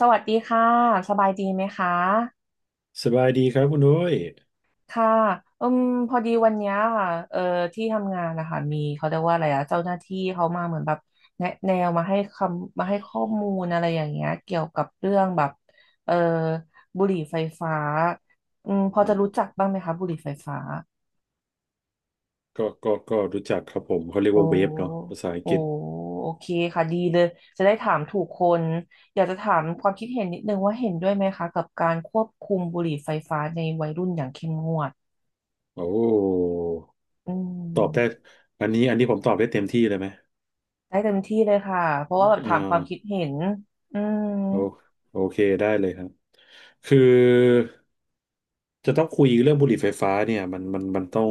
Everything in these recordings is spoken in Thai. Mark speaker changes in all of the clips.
Speaker 1: สวัสดีค่ะสบายดีไหมคะ
Speaker 2: สบายดีครับคุณนุ้ย
Speaker 1: ค่ะอืมพอดีวันเนี้ยค่ะที่ทำงานนะคะมีเขาเรียกว่าอะไรอะเจ้าหน้าที่เขามาเหมือนแบบแนะแนวมาให้คำมาให้ข้อมูลอะไรอย่างเงี้ยเกี่ยวกับเรื่องแบบเอ่อบุหรี่ไฟฟ้าอืมพอ
Speaker 2: อื
Speaker 1: จะ
Speaker 2: ม
Speaker 1: รู้จักบ้างไหมคะบุหรี่ไฟฟ้า
Speaker 2: ก็รู้จักครับผม เขาเรียก
Speaker 1: โอ้
Speaker 2: ว่าเวฟเนาะภาษาอัง
Speaker 1: โอ้
Speaker 2: กฤษ
Speaker 1: โอเคค่ะดีเลยจะได้ถามถูกคนอยากจะถามความคิดเห็นนิดนึงว่าเห็นด้วยไหมคะกับการควบคุมบุหรี่ไฟฟ้าในวัยรุ่นอย่างเข้มงวด
Speaker 2: โอ้
Speaker 1: อื
Speaker 2: ตอบได้
Speaker 1: ม
Speaker 2: อันนี้ผมตอบได้เต็มที่เลยไหม
Speaker 1: ได้เต็มที่เลยค่ะเพราะว่าแบบถา
Speaker 2: อ่า
Speaker 1: มความคิดเห็นอืม
Speaker 2: โอโอเคได้เลยครับคือจะต้องคุยเรื่องบุหรี่ไฟฟ้าเนี่ยมันต้อง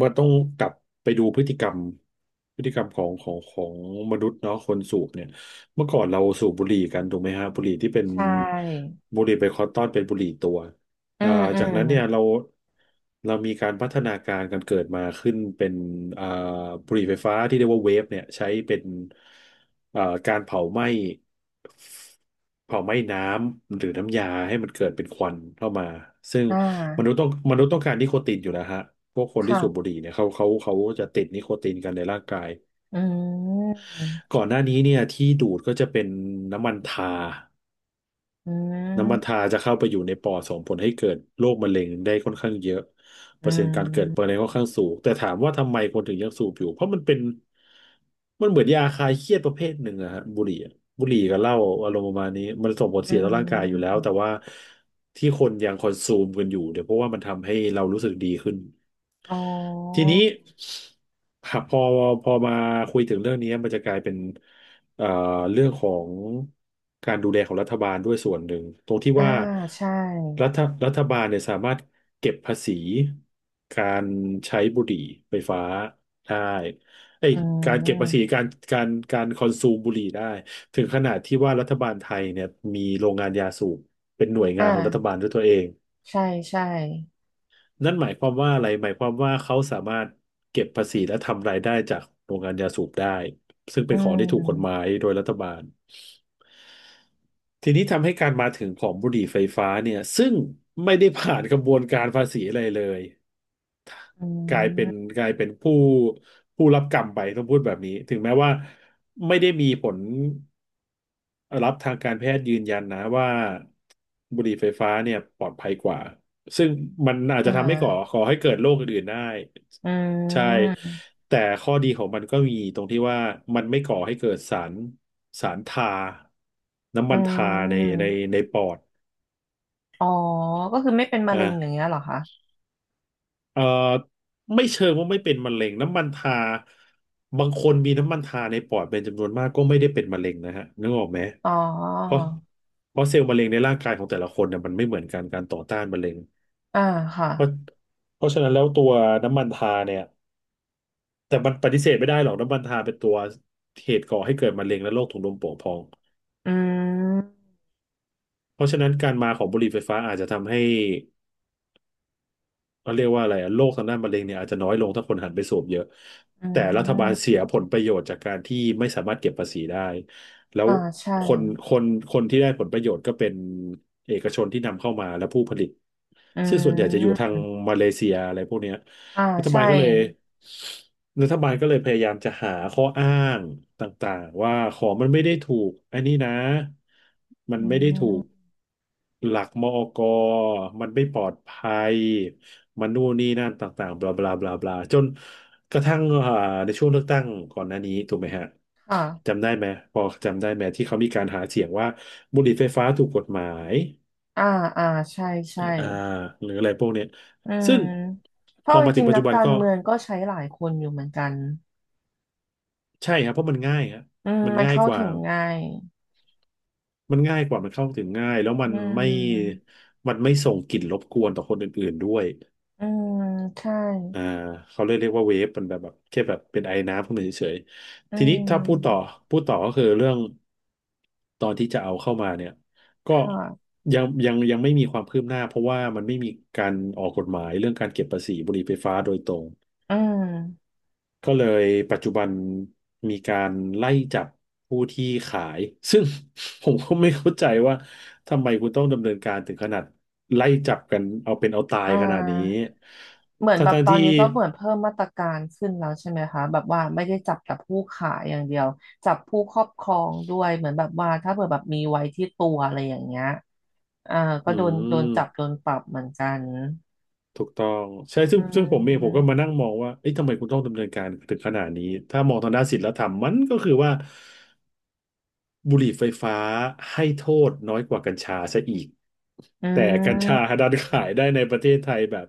Speaker 2: มันต้องกลับไปดูพฤติกรรมพฤติกรรมของมนุษย์เนาะคนสูบเนี่ยเมื่อก่อนเราสูบบุหรี่กันถูกไหมฮะบุหรี่ที่เป็น
Speaker 1: ใช่
Speaker 2: บุหรี่ไบคอนตอนเป็นบุหรี่ตัว
Speaker 1: อื
Speaker 2: อ่า
Speaker 1: มอื
Speaker 2: จา
Speaker 1: ม
Speaker 2: กนั้นเนี่ยเรามีการพัฒนาการกันเกิดมาขึ้นเป็นอ่าบุหรี่ไฟฟ้าที่เรียกว่าเวฟเนี่ยใช้เป็นอ่าการเผาไหม้เผาไหม้น้ำหรือน้ำยาให้มันเกิดเป็นควันเข้ามาซึ่ง
Speaker 1: อ่า
Speaker 2: มนุษย์ต้องการนิโคตินอยู่แล้วฮะพวกคนที่สูบบุห
Speaker 1: ค่ะ
Speaker 2: รี่เนี่ยเขาจะติดนิโคตินกันในร่างกาย
Speaker 1: อืม
Speaker 2: ก่อนหน้านี้เนี่ยที่ดูดก็จะเป็นน้ำมันทา
Speaker 1: อื
Speaker 2: น้ำมันทา
Speaker 1: ม
Speaker 2: จะเข้าไปอยู่ในปอดส่งผลให้เกิดโรคมะเร็งได้ค่อนข้างเยอะเป
Speaker 1: อื
Speaker 2: อร์เซ็นต์การเกิดมะ
Speaker 1: ม
Speaker 2: เร็งค่อนข้างสูงแต่ถามว่าทำไมคนถึงยังสูบอยู่เพราะมันเป็นมันเหมือนยาคลายเครียดประเภทหนึ่งอะฮะบุหรี่อะบุหรี่กับเหล้าอารมณ์ประมาณนี้มันส่งผล
Speaker 1: อื
Speaker 2: เสียต่อร่างกายอยู่แล้ว
Speaker 1: ม
Speaker 2: แต่ว่าที่คนยังคอนซูมกันอยู่เดี๋ยวเพราะว่ามันทำให้เรารู้สึกดีขึ้น
Speaker 1: อ๋อ
Speaker 2: ทีนี้ครับพอมาคุยถึงเรื่องนี้มันจะกลายเป็น เอ่อเรื่องของการดูแลของรัฐบาลด้วยส่วนหนึ่งตรงที่
Speaker 1: อ่า
Speaker 2: ว่า
Speaker 1: ใช่
Speaker 2: รัฐรัฐบาลเนี่ยสามารถเก็บภาษีการใช้บุหรี่ไฟฟ้าได้เอ้ย
Speaker 1: อื
Speaker 2: การเก็บภาษี
Speaker 1: ม
Speaker 2: การคอนซูมบุหรี่ได้ถึงขนาดที่ว่ารัฐบาลไทยเนี่ยมีโรงงานยาสูบเป็นหน่วย
Speaker 1: อ
Speaker 2: งานของรัฐ
Speaker 1: ่า
Speaker 2: บาลด้วยตัวเอง
Speaker 1: ใช่ใช่
Speaker 2: นั่นหมายความว่าอะไรหมายความว่าเขาสามารถเก็บภาษีและทำรายได้จากโรงงานยาสูบได้ซึ่ง
Speaker 1: อื
Speaker 2: เป็นของที่ถูกกฎหมา
Speaker 1: ม
Speaker 2: ยโดยรัฐบาลทีนี้ทำให้การมาถึงของบุหรี่ไฟฟ้าเนี่ยซึ่งไม่ได้ผ่านกระบวนการภาษีอะไรเลย
Speaker 1: อื
Speaker 2: กลายเป็น
Speaker 1: ม
Speaker 2: กลายเป็นผู้รับกรรมไปต้องพูดแบบนี้ถึงแม้ว่าไม่ได้มีผลรับทางการแพทย์ยืนยันนะว่าบุหรี่ไฟฟ้าเนี่ยปลอดภัยกว่า ซึ่งมันอาจ
Speaker 1: อ่
Speaker 2: จะทำให้
Speaker 1: า
Speaker 2: ก่อให้เกิดโรคอื่นๆได้
Speaker 1: อื
Speaker 2: ใช่
Speaker 1: ม
Speaker 2: แต่ข้อดีของมันก็มีตรงที่ว่ามันไม่ก่อให้เกิดสารสารทาน้ำ
Speaker 1: อื
Speaker 2: มันทาใน
Speaker 1: ม
Speaker 2: ในปอด
Speaker 1: อ๋อก็คือไม่เป็นมะ
Speaker 2: อ่ะ
Speaker 1: เร็งอย่างเงี้ยเหรอคะ
Speaker 2: เอ่อไม่เชิงว่าไม่เป็นมะเร็งน้ำมันทาบางคนมีน้ำมันทาในปอดเป็นจำนวนมากก็ไม่ได้เป็นมะเร็งนะฮะนึกออกไหม
Speaker 1: อ๋อ
Speaker 2: เพราะเพราะเซลล์มะเร็งในร่างกายของแต่ละคนเนี่ยมันไม่เหมือนกันการต่อต้านมะเร็ง
Speaker 1: อ่าค่ะ
Speaker 2: เพราะเพราะฉะนั้นแล้วตัวน้ำมันทาเนี่ย แต่มันปฏิเสธไม่ได้หรอกน้ำมันทาเป็นตัวเหตุก่อให้เกิดมะเร็งและโรคถุงลมโป่งพอง
Speaker 1: อืม
Speaker 2: เพราะฉะนั้นการมาของบุหรี่ไฟฟ้าอาจจะทำให้เขาเรียกว่าอะไรอะโรคทางด้านมะเร็งเนี่ยอาจจะน้อยลงถ้าคนหันไปสูบเยอะ
Speaker 1: อื
Speaker 2: แต่รัฐบาลเสีย
Speaker 1: ม
Speaker 2: ผลประโยชน์จากการที่ไม่สามารถเก็บภาษีได้แล้ว
Speaker 1: อ่าใช่
Speaker 2: คนคนคนที่ได้ผลประโยชน์ก็เป็นเอกชนที่นำเข้ามาและผู้ผลิต
Speaker 1: อื
Speaker 2: ซึ่งส่วนใหญ่จะอยู่
Speaker 1: ม
Speaker 2: ทางมาเลเซียอะไรพวกเนี้ย
Speaker 1: อ่า
Speaker 2: รัฐบา
Speaker 1: ใช่
Speaker 2: ลก็เลยรัฐบาลก็เลยพยายามจะหาข้ออ้างต่างๆว่าของมันไม่ได้ถูกอันนี้นะมัน
Speaker 1: อื
Speaker 2: ไม่ได้ถูก
Speaker 1: ม
Speaker 2: หลักมอกมันไม่ปลอดภัยมันนู่นนี่นั่นต่างๆบลาบลาบลาบลาจนกระทั่งในช่วงเลือกตั้งก่อนหน้านี้ถูกไหมฮะ
Speaker 1: ค่ะ
Speaker 2: จำได้ไหมพอจำได้ไหมที่เขามีการหาเสียงว่าบุหรี่ไฟฟ้าถูกกฎหมาย
Speaker 1: อ่าอ่าใช่ใช่
Speaker 2: อ่าหรืออะไรพวกเนี้ย
Speaker 1: อืม
Speaker 2: ซึ่ง
Speaker 1: เพ
Speaker 2: พอ
Speaker 1: ราะจ
Speaker 2: มาถึ
Speaker 1: ริ
Speaker 2: ง
Speaker 1: ง
Speaker 2: ปั
Speaker 1: ๆ
Speaker 2: จ
Speaker 1: นั
Speaker 2: จุ
Speaker 1: ก
Speaker 2: บัน
Speaker 1: การ
Speaker 2: ก็
Speaker 1: เมืองก็ใช้หลายคนอยู่เหมือนกัน
Speaker 2: ใช่ครับเพราะมันง่ายครับ
Speaker 1: อืม
Speaker 2: มัน
Speaker 1: มัน
Speaker 2: ง่าย
Speaker 1: เข้า
Speaker 2: กว่า
Speaker 1: ถึงง่าย
Speaker 2: มันเข้าถึงง่ายแล้ว
Speaker 1: อืม
Speaker 2: มันไม่ส่งกลิ่นรบกวนต่อคนอื่นๆด้วย
Speaker 1: อืมใช่
Speaker 2: อ่าเขาเลยเรียกว่าเวฟมันแบบแค่แบบเป็นไอน้ำขึ้นมาเฉย
Speaker 1: อื
Speaker 2: ๆทีนี้ถ้าพูดต่อ
Speaker 1: ม
Speaker 2: พูดต่อก็คือเรื่องตอนที่จะเอาเข้ามาเนี่ย
Speaker 1: ค
Speaker 2: ก็
Speaker 1: ่ะ
Speaker 2: ยังไม่มีความคืบหน้าเพราะว่ามันไม่มีการออกกฎหมายเรื่องการเก็บภาษีบุหรี่ไฟฟ้าโดยตรง
Speaker 1: อืม
Speaker 2: ก็เลยปัจจุบันมีการไล่จับผู้ที่ขายซึ่ง ผมก็ไม่เข้าใจว่าทำไมคุณต้องดำเนินการถึงขนาดไล่จับกันเอาเป็นเอาตาย
Speaker 1: อ่
Speaker 2: ขนาดนี้
Speaker 1: า เหมือนแบบ
Speaker 2: ทั้ง
Speaker 1: ต
Speaker 2: ๆ
Speaker 1: อน
Speaker 2: ที่
Speaker 1: นี้ก็เหมือนเพิ่มมาตรการขึ้นแล้วใช่ไหมคะแบบว่าไม่ได้จับแต่ผู้ขายอย่างเดียวจับผู้ครอบครองด้วยเหมือนแบบว่าถ้าเผื่อแบบมีไว้ที่ตัวอะไรอย่างเงี้ยอ่าก็
Speaker 2: อื
Speaker 1: โดนจับโด
Speaker 2: ม
Speaker 1: นปรับเหมือนกัน
Speaker 2: ถูกต้องใช่
Speaker 1: อื
Speaker 2: ซึ่งผมเองผมก็
Speaker 1: ม
Speaker 2: มานั่งมองว่าเอ๊ะทำไมคุณต้องดำเนินการถึงขนาดนี้ถ้ามองทางด้านศีลธรรมมันก็คือว่าบุหรี่ไฟฟ้าให้โทษน้อยกว่ากัญชาซะอีก
Speaker 1: อื
Speaker 2: แต่กัญชา
Speaker 1: ม
Speaker 2: ดันขายได้ในประเทศไทยแบบ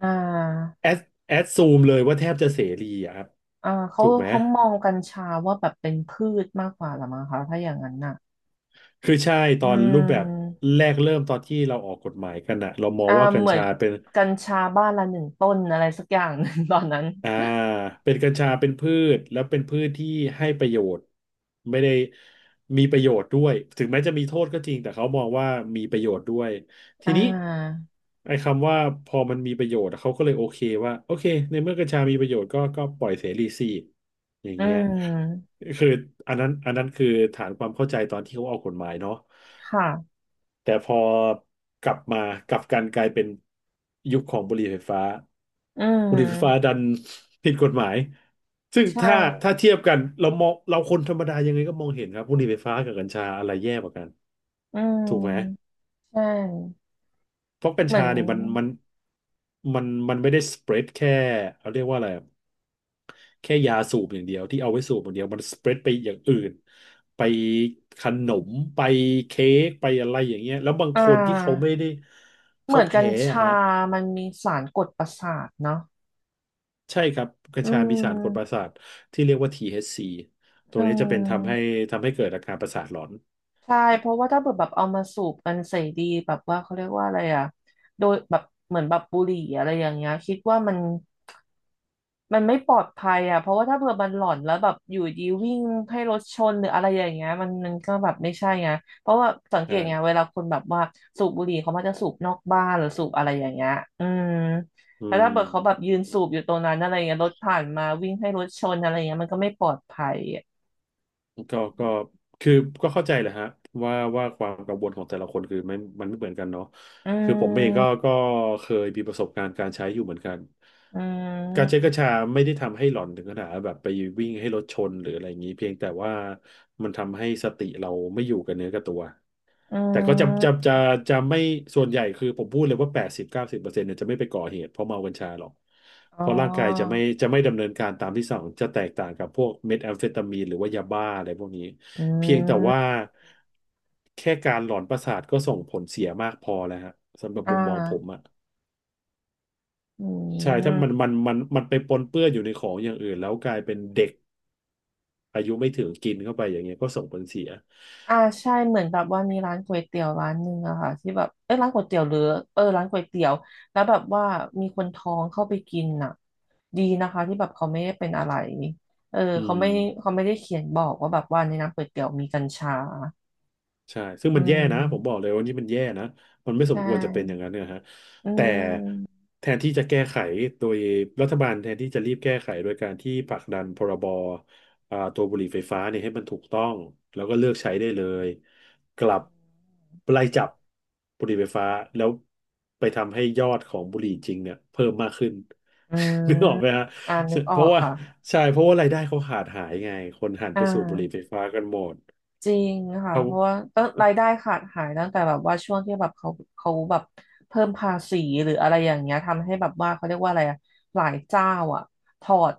Speaker 1: อ่า
Speaker 2: แอดแอดซูมเลยว่าแทบจะเสรีอะครับ
Speaker 1: อ่าเขา
Speaker 2: ถูกไหม
Speaker 1: เขามองกัญชาว่าแบบเป็นพืชมากกว่าหรือมั้งคะถ้าอย่างนั้นน่ะ
Speaker 2: คือใช่ต
Speaker 1: อื
Speaker 2: อนรูปแบบ
Speaker 1: ม
Speaker 2: แรกเริ่มตอนที่เราออกกฎหมายกันอะเรามอง
Speaker 1: อ่า
Speaker 2: ว่ากัญ
Speaker 1: เหมือน
Speaker 2: ชาเป็น
Speaker 1: กัญชาบ้านละหนึ่งต้นอะไรสักอย่าง หนึ่งตอนนั้น
Speaker 2: อ่าเป็นกัญชาเป็นพืชแล้วเป็นพืชที่ให้ประโยชน์ไม่ได้มีประโยชน์ด้วยถึงแม้จะมีโทษก็จริงแต่เขามองว่ามีประโยชน์ด้วยที
Speaker 1: อ่
Speaker 2: นี้
Speaker 1: า
Speaker 2: ไอ้คำว่าพอมันมีประโยชน์เขาก็เลยโอเคว่าโอเคในเมื่อกัญชามีประโยชน์ก็ปล่อยเสรีสิอย่าง
Speaker 1: อื
Speaker 2: เงี้ย
Speaker 1: ม
Speaker 2: คืออันนั้นคือฐานความเข้าใจตอนที่เขาออกกฎหมายเนาะ
Speaker 1: ค่ะ
Speaker 2: แต่พอกลับมากลับกันกลายเป็นยุคของบุหรี่ไฟฟ้า
Speaker 1: อื
Speaker 2: บุหรี่ไฟฟ้า
Speaker 1: ม
Speaker 2: ดันผิดกฎหมายซึ่ง
Speaker 1: ใช่
Speaker 2: ถ้าเทียบกันเรามองเราคนธรรมดายังไงก็มองเห็นครับบุหรี่ไฟฟ้ากับกัญชาอะไรแย่กว่ากัน
Speaker 1: อื
Speaker 2: ถูกไหม
Speaker 1: ม ใช่
Speaker 2: เพราะกัญ
Speaker 1: เหมือ
Speaker 2: ชา
Speaker 1: น
Speaker 2: เนี่ยมันไม่ได้สเปรดแค่เขาเรียกว่าอะไรอะแค่ยาสูบอย่างเดียวที่เอาไว้สูบอย่างเดียวมันสเปรดไปอย่างอื่นไปขนมไปเค้กไปอะไรอย่างเงี้ยแล้วบาง
Speaker 1: อ่
Speaker 2: คนที่เขา
Speaker 1: า
Speaker 2: ไม่ได้
Speaker 1: เห
Speaker 2: เขา
Speaker 1: มือนกัญ
Speaker 2: แพ้อะ
Speaker 1: ชา
Speaker 2: ฮะ
Speaker 1: มันมีสารกดประสาทเนาะ
Speaker 2: ใช่ครับกัญ
Speaker 1: อื
Speaker 2: ชามีสารกดประ
Speaker 1: ม
Speaker 2: สาทที่เรียกว่า THC ตัว
Speaker 1: อื
Speaker 2: นี้จะเป็นทำให้
Speaker 1: ม
Speaker 2: ทำให้เกิดอาการประสาทหลอน
Speaker 1: ใช่เพราะว่าถ้าเกิดแบบเอามาสูบกันเสรีแบบว่าเขาเรียกว่าอะไรอะโดยแบบเหมือนแบบบุหรี่อะไรอย่างเงี้ยคิดว่ามัน มันไม่ปลอดภัยอ่ะ เพราะว่าถ้าเผื่อมันหลอนแล้วแบบอยู่ดีวิ่งให้รถชนหรืออะไรอย่างเงี้ยมันก็แบบไม่ใช่ไงเพราะว่าสังเกตไงเว
Speaker 2: ใช่
Speaker 1: ลาคนแบบว่าสูบบุหรี่เขามักจะสูบนอกบ้านหรือสูบอะไรอย่างเงี้ยอืม
Speaker 2: อื
Speaker 1: แล้วถ้าเกิดเขาแบบ
Speaker 2: ม
Speaker 1: ยืนสูบอยู่ตรงนั้นอะไรเงี้ยรถผ่านมาวิ่งให้รถชนอะไรเงี้ยมันก็ไม่ปลอดภัยอะ
Speaker 2: ก็คือก็เข้าใจแหละฮะว่าความกังวลของแต่ละคนคือมันไม่เหมือนกันเนาะ
Speaker 1: อื
Speaker 2: คือผมเองก็
Speaker 1: ม
Speaker 2: ก็เคยมีประสบการณ์การใช้อยู่เหมือนกัน
Speaker 1: อื
Speaker 2: การใช้กั
Speaker 1: ม
Speaker 2: ญชาไม่ได้ทำให้หลอนถึงขนาดแบบไปวิ่งให้รถชนหรืออะไรอย่างนี้เพียงแต่ว่ามันทำให้สติเราไม่อยู่กับเนื้อกับตัว
Speaker 1: อื
Speaker 2: แต่ก็จะจะ
Speaker 1: ม
Speaker 2: จะจะไม่ส่วนใหญ่คือผมพูดเลยว่า80 90%เนี่ยจะไม่ไปก่อเหตุเพราะเมากัญชาหรอก
Speaker 1: อ๋
Speaker 2: เพราะร่างกายจะ
Speaker 1: อ
Speaker 2: ไม่จะไม่ดำเนินการตามที่สั่งจะแตกต่างกับพวกเมทแอมเฟตามีนหรือว่ายาบ้าอะไรพวกนี้
Speaker 1: อื
Speaker 2: เพียงแต่ว่า
Speaker 1: ม
Speaker 2: แค่การหลอนประสาทก็ส่งผลเสียมากพอแล้วฮะสำหรับ
Speaker 1: อ่
Speaker 2: มุมมองผม
Speaker 1: า
Speaker 2: อ่ะ
Speaker 1: อื
Speaker 2: ใช่ถ้า
Speaker 1: ม
Speaker 2: มันไปปนเปื้อนอยู่ในของอย่างอื่นแล้วกลายเป็นเด็กอายุไม่ถึงกินเข้าไปอย่างเงี้ยก็ส่งผลเสีย
Speaker 1: อ่าใช่เหมือนแบบว่ามีร้านก๋วยเตี๋ยวร้านหนึ่งอะค่ะที่แบบเอ้ยร้านก๋วยเตี๋ยวหรือเออร้านก๋วยเตี๋ยวแล้วแบบว่ามีคนท้องเข้าไปกินน่ะดีนะคะที่แบบเขาไม่ได้เป็นอะไรเออ
Speaker 2: อื
Speaker 1: เขา
Speaker 2: ม
Speaker 1: ไม่เขาไม่ได้เขียนบอกว่าแบบว่าในน้ำก๋วยเตี๋ยวมีกัญชา
Speaker 2: ใช่ซึ่ง
Speaker 1: อื
Speaker 2: มันแย่นะผมบอก
Speaker 1: ม
Speaker 2: เลยว่านี่มันแย่นะมันไม่ส
Speaker 1: ใช่
Speaker 2: มควรจะเป็นอย่างนั้นนะฮะ
Speaker 1: อื
Speaker 2: แต่
Speaker 1: ม
Speaker 2: แทนที่จะแก้ไขโดยรัฐบาลแทนที่จะรีบแก้ไขโดยการที่ผลักดันพรบตัวบุหรี่ไฟฟ้าเนี่ยให้มันถูกต้อง แล้วก็เลิกใช้ได้เลยกลับไล่จับบุหรี่ไฟฟ้าแล้วไปทำให้ยอดของบุหรี่จริงเนี่ยเพิ่มมากขึ้น
Speaker 1: อืม
Speaker 2: นึกออกไหมฮะ
Speaker 1: อ่านึกอ
Speaker 2: เพ
Speaker 1: อ
Speaker 2: ราะ
Speaker 1: ก
Speaker 2: ว่า
Speaker 1: ค่ะ
Speaker 2: ใช่เพราะว่ารายได้เขาขาดหายไงคนหัน
Speaker 1: อ่
Speaker 2: ไปสูบบุหรี่ไฟ
Speaker 1: า
Speaker 2: ฟ้ากันหมด
Speaker 1: จริงค่ะ
Speaker 2: เขา
Speaker 1: เพราะว่าตั้งรายได้ขาดหายตั้งแต่แบบว่าช่วงที่แบบเขาแบบเพิ่มภาษีหรืออะไรอย่างเงี้ยทำให้แบบว่าเขาเรียกว่าอะไรอะหลายเจ้าอ่ะถอด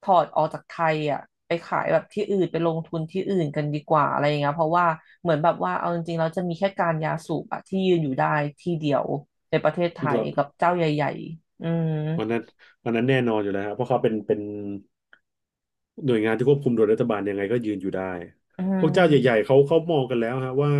Speaker 1: ถอดออกจากไทยอ่ะไปขายแบบที่อื่นไปลงทุนที่อื่นกันดีกว่าอะไรอย่างเงี้ยเพราะว่าเหมือนแบบว่าเอาจริงๆแล้วจะมีแค่การยาสูบอะที่ยืนอยู่ได้ที่เดียวในประเทศไทยกั
Speaker 2: เรา
Speaker 1: บเจ้าใหญ่ๆอืม
Speaker 2: วันนั้นวันนั้นแน่นอนอยู่แล้วครับเพราะเขาเป็น หน่วยงานที่ควบคุมโดยรัฐบาลยังไงก็ยืนอยู่ได้
Speaker 1: อื
Speaker 2: พวกเจ้าใหญ่
Speaker 1: ม
Speaker 2: ๆเขามองกันแล้วฮะว่า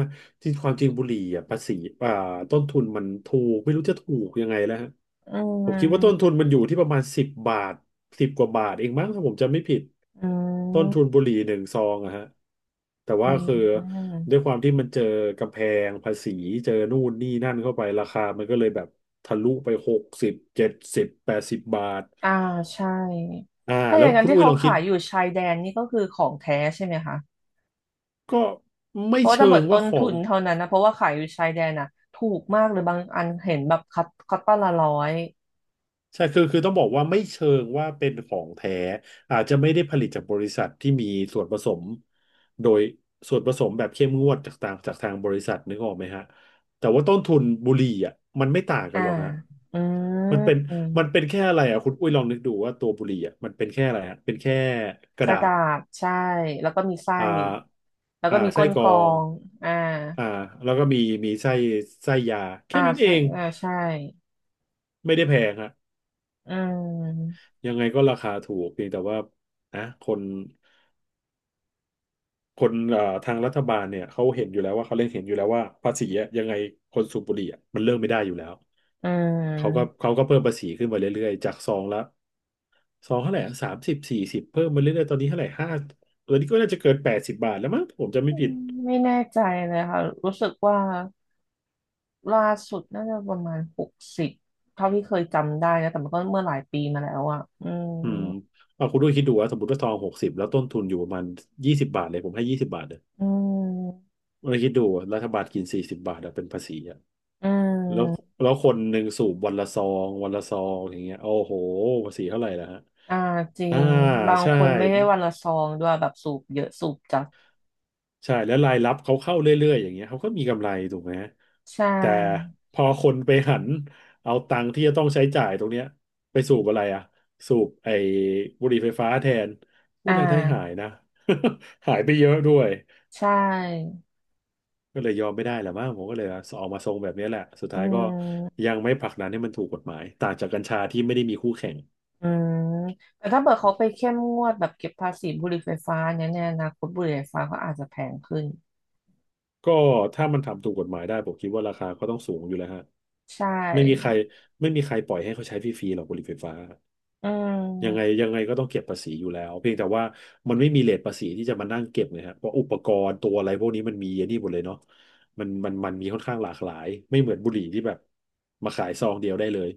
Speaker 2: ที่ความจริงบุหรี่อ่ะภาษีอ่าต้นทุนมันถูกไม่รู้จะถูกยังไงแล้วฮะ
Speaker 1: อื
Speaker 2: ผมคิดว่าต้น
Speaker 1: ม
Speaker 2: ทุนมันอยู่ที่ประมาณสิบบาท10 กว่าบาทเองมั้งถ้าผมจำไม่ผิด
Speaker 1: อื
Speaker 2: ต้น
Speaker 1: ม
Speaker 2: ทุนบุหรี่หนึ่งซองอะฮะแต่
Speaker 1: อื
Speaker 2: ว่าคือด้วย
Speaker 1: ม
Speaker 2: ความที่มันเจอกำแพงภาษีเจอนู่นนี่นั่นเข้าไปราคามันก็เลยแบบทะลุไป60 70 80 บาท
Speaker 1: อ่าใช่ถ้าอ
Speaker 2: แล้ว
Speaker 1: ย่างนั้น
Speaker 2: คุณ
Speaker 1: ที่
Speaker 2: อุ้ย
Speaker 1: เขา
Speaker 2: ลองคิ
Speaker 1: ขา
Speaker 2: ด
Speaker 1: ยอยู่ชายแดนนี่ก็คือของแท้ใช่ไหมคะ
Speaker 2: ก็ไม่
Speaker 1: เพราะว่าถ้า
Speaker 2: เชิ
Speaker 1: เบิ
Speaker 2: ง
Speaker 1: ดต้
Speaker 2: ว่า
Speaker 1: น
Speaker 2: ขอ
Speaker 1: ทุ
Speaker 2: ง
Speaker 1: นเท่านั้นนะเพราะว่าขายอยู่ชายแดนน่ะถูกมากเลยบางอันเห็นแบบคัตคัตตอนละร้อย
Speaker 2: ใช่คือคือต้องบอกว่าไม่เชิงว่าเป็นของแท้อาจจะไม่ได้ผลิตจากบริษัทที่มีส่วนผสมโดยส่วนผสมแบบเข้มงวดจากทางบริษัทนึกออกไหมฮะแต่ว่าต้นทุนบุหรี่อ่ะมันไม่ต่างกั
Speaker 1: อ่า
Speaker 2: นหรอกฮะ
Speaker 1: อื
Speaker 2: มันเป็น
Speaker 1: ม
Speaker 2: มันเป็นแค่อะไรอ่ะคุณอุ้ยลองนึกดูว่าตัวบุหรี่อ่ะมันเป็นแค่อะไรฮะเป็นแค่ก
Speaker 1: ก
Speaker 2: ระดา
Speaker 1: ระดา
Speaker 2: ษ
Speaker 1: ษใช่แล้วก็มีไส้
Speaker 2: อ่า
Speaker 1: แล้วก็มี
Speaker 2: ไส้
Speaker 1: ก้น
Speaker 2: กร
Speaker 1: ก
Speaker 2: อ
Speaker 1: รอ
Speaker 2: ง
Speaker 1: งอ่า
Speaker 2: อ่าแล้วก็มีไส้ยาแค่
Speaker 1: อ่า
Speaker 2: นั้นเอ
Speaker 1: ใช่
Speaker 2: ง
Speaker 1: อ่าใช่
Speaker 2: ไม่ได้แพงฮะ
Speaker 1: อืม
Speaker 2: ยังไงก็ราคาถูกเพียงแต่ว่านะคนคนเอ่อทางรัฐบาลเนี่ยเขาเห็นอยู่แล้วว่าเขาเล่นเห็นอยู่แล้วว่าภาษีอะยังไงคนสูบบุหรี่อะมันเลิกไม่ได้อยู่แล้ว
Speaker 1: อื
Speaker 2: เขาก็
Speaker 1: ม
Speaker 2: เขาก็เพิ่มภาษีขึ้นมาเรื่อยๆจากซองละซองเท่าไหร่30สี่สิบเพิ่มมาเรื่อยๆตอนนี้เท่าไหร่ตอนนี้ก็น่าจะเกิน80 บาทแล้วมั้งผมจะไม่ผิด
Speaker 1: ไม่แน่ใจเลยค่ะรู้สึกว่า ล่าสุดน่าจะประมาณ60เท่าที่เคยจำได้นะแต่มันก็เมื่อหลายปีมาแล้วอ่ะอืม
Speaker 2: อืมเอาคุณด้วยคิดดูว่าสมมติว่าซอง60แล้วต้นทุนอยู่ประมาณยี่สิบบาทเลยผมให้ยี่สิบบาทเลย
Speaker 1: อืม
Speaker 2: เราคิดดูอะรัฐบาลกิน40 บาทอะเป็นภาษีอะ
Speaker 1: อื
Speaker 2: แล้ว
Speaker 1: ม
Speaker 2: แล้วคนหนึ่งสูบวันละซองวันละซองอย่างเงี้ยโอ้โหภาษีเท่าไหร่ล่ะฮะ
Speaker 1: อ่าจริ
Speaker 2: อ่า
Speaker 1: งบาง
Speaker 2: ใช่
Speaker 1: คนไม่ได้วันละซองด้วยแบบสูบเยอะสูบจัด
Speaker 2: ใช่แล้วรายรับเขาเข้าเรื่อยๆอย่างเงี้ยเขาก็มีกำไรถูกไหม
Speaker 1: ใช่
Speaker 2: แต่พอคนไปหันเอาตังค์ที่จะต้องใช้จ่ายตรงเนี้ยไปสูบอะไรอ่ะสูบไอ้บุหรี่ไฟฟ้าแทนผู้
Speaker 1: อ่
Speaker 2: รายได้หาย
Speaker 1: า
Speaker 2: นะ หายไปเยอะด้วย
Speaker 1: ใช่
Speaker 2: ก็เลยยอมไม่ได้แหละมั้งผมก็เลยออกมาทรงแบบนี้แหละสุด
Speaker 1: อื
Speaker 2: ท้ายก็
Speaker 1: ม
Speaker 2: ยังไม่ผลักดันให้มันถูกกฎหมายต่างจากกัญชาที่ไม่ได้มีคู่แข่ง
Speaker 1: อืมแต่ถ้าเกิดเขาไปเข้มงวดแบบเก็บภาษีบุหรี่ไฟฟ้าเนี่ยในอนาคตบุหรี่ไฟฟ้าก็อาจจะแพงขึ้น
Speaker 2: ก็ถ้ามันทำถูกกฎหมายได้ผมคิดว่าราคาก็ต้องสูงอยู่แล้วฮะ
Speaker 1: ใช
Speaker 2: ไม่มีใคร
Speaker 1: ่
Speaker 2: ไม่มีใครปล่อยให้เขาใช้ฟรีๆหรอกบุหรี่ไฟฟ้า
Speaker 1: อื
Speaker 2: ยังไง
Speaker 1: ม
Speaker 2: ยังไงก็ต้องเก็บภาษีอยู่แล้วเพียงแต่ว่ามันไม่มีเรทภาษีที่จะมานั่งเก็บเลยฮะเพราะอุปกรณ์ตัวอะไรพวกนี้มันมีเยอะนี่หมดเลยเนาะมันมีค่อนข้างหลากหลายไม่เหมือนบุหรี่ที่แบบมาขายซองเดียวได้เลย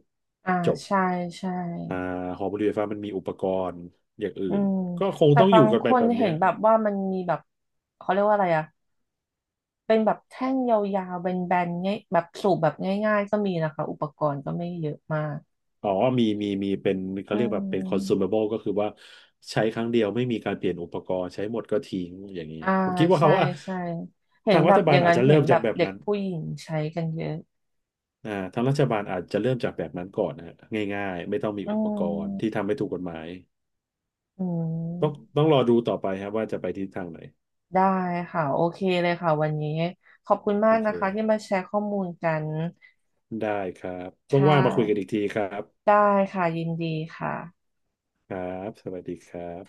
Speaker 1: อ่า
Speaker 2: จบ
Speaker 1: ใช่ใช่
Speaker 2: อ่าหอบุหรี่ไฟฟ้ามันมีอุปกรณ์อย่างอื่
Speaker 1: อื
Speaker 2: น
Speaker 1: ม
Speaker 2: ก็คง
Speaker 1: แต่
Speaker 2: ต้องอ
Speaker 1: บา
Speaker 2: ยู่
Speaker 1: ง
Speaker 2: กัน
Speaker 1: ค
Speaker 2: ไป
Speaker 1: น
Speaker 2: แบบ
Speaker 1: เห็
Speaker 2: เนี้
Speaker 1: น
Speaker 2: ย
Speaker 1: แบบว่ามันมีแบบเขาเรียกว่าอะไรอะเป็นแบบแท่งยาวๆแบนๆง่ายแบบสูบแบบง่ายๆก็มีนะคะอุปกรณ์ก็ไม่เยอะมาก
Speaker 2: อ๋อมีเป็นเขา
Speaker 1: อื
Speaker 2: เรียกแบบเป็น
Speaker 1: ม
Speaker 2: consumable ก็คือว่าใช้ครั้งเดียวไม่มีการเปลี่ยนอุปกรณ์ใช้หมดก็ทิ้งอย่างเงี้ย
Speaker 1: อ่า
Speaker 2: ผมคิดว่า
Speaker 1: ใช่
Speaker 2: เขาว่า
Speaker 1: ใช่เห็น
Speaker 2: ทาง
Speaker 1: แบ
Speaker 2: รั
Speaker 1: บ
Speaker 2: ฐ
Speaker 1: อ
Speaker 2: บาล
Speaker 1: ย่าง
Speaker 2: อาจ
Speaker 1: นั้น
Speaker 2: จะ
Speaker 1: เห็น
Speaker 2: เริ่ม
Speaker 1: แบ
Speaker 2: จาก
Speaker 1: บ
Speaker 2: แบบ
Speaker 1: เด็ก
Speaker 2: นั้น
Speaker 1: ผู้หญิงใช้กันเยอะ
Speaker 2: อ่าทางรัฐบาลอาจจะเริ่มจากแบบนั้นก่อนนะฮะง่ายๆไม่ต้องมี
Speaker 1: อื
Speaker 2: อุปกรณ์ที่
Speaker 1: ม
Speaker 2: ทำให้ถูกกฎหมาย
Speaker 1: อื
Speaker 2: ต้อง
Speaker 1: ม
Speaker 2: ต้องรอดูต่อไปครับว่าจะไปทิศทางไหน
Speaker 1: ได้ค่ะโอเคเลยค่ะวันนี้ขอบคุณมา
Speaker 2: โอ
Speaker 1: ก
Speaker 2: เค
Speaker 1: นะคะที่มาแชร์ข้อมูลกัน
Speaker 2: ได้ครับ
Speaker 1: ค่
Speaker 2: ว่างๆมาคุยกันอี
Speaker 1: ะ
Speaker 2: กทีครับ
Speaker 1: ได้ค่ะยินดีค่ะ
Speaker 2: ครับสวัสดีครับ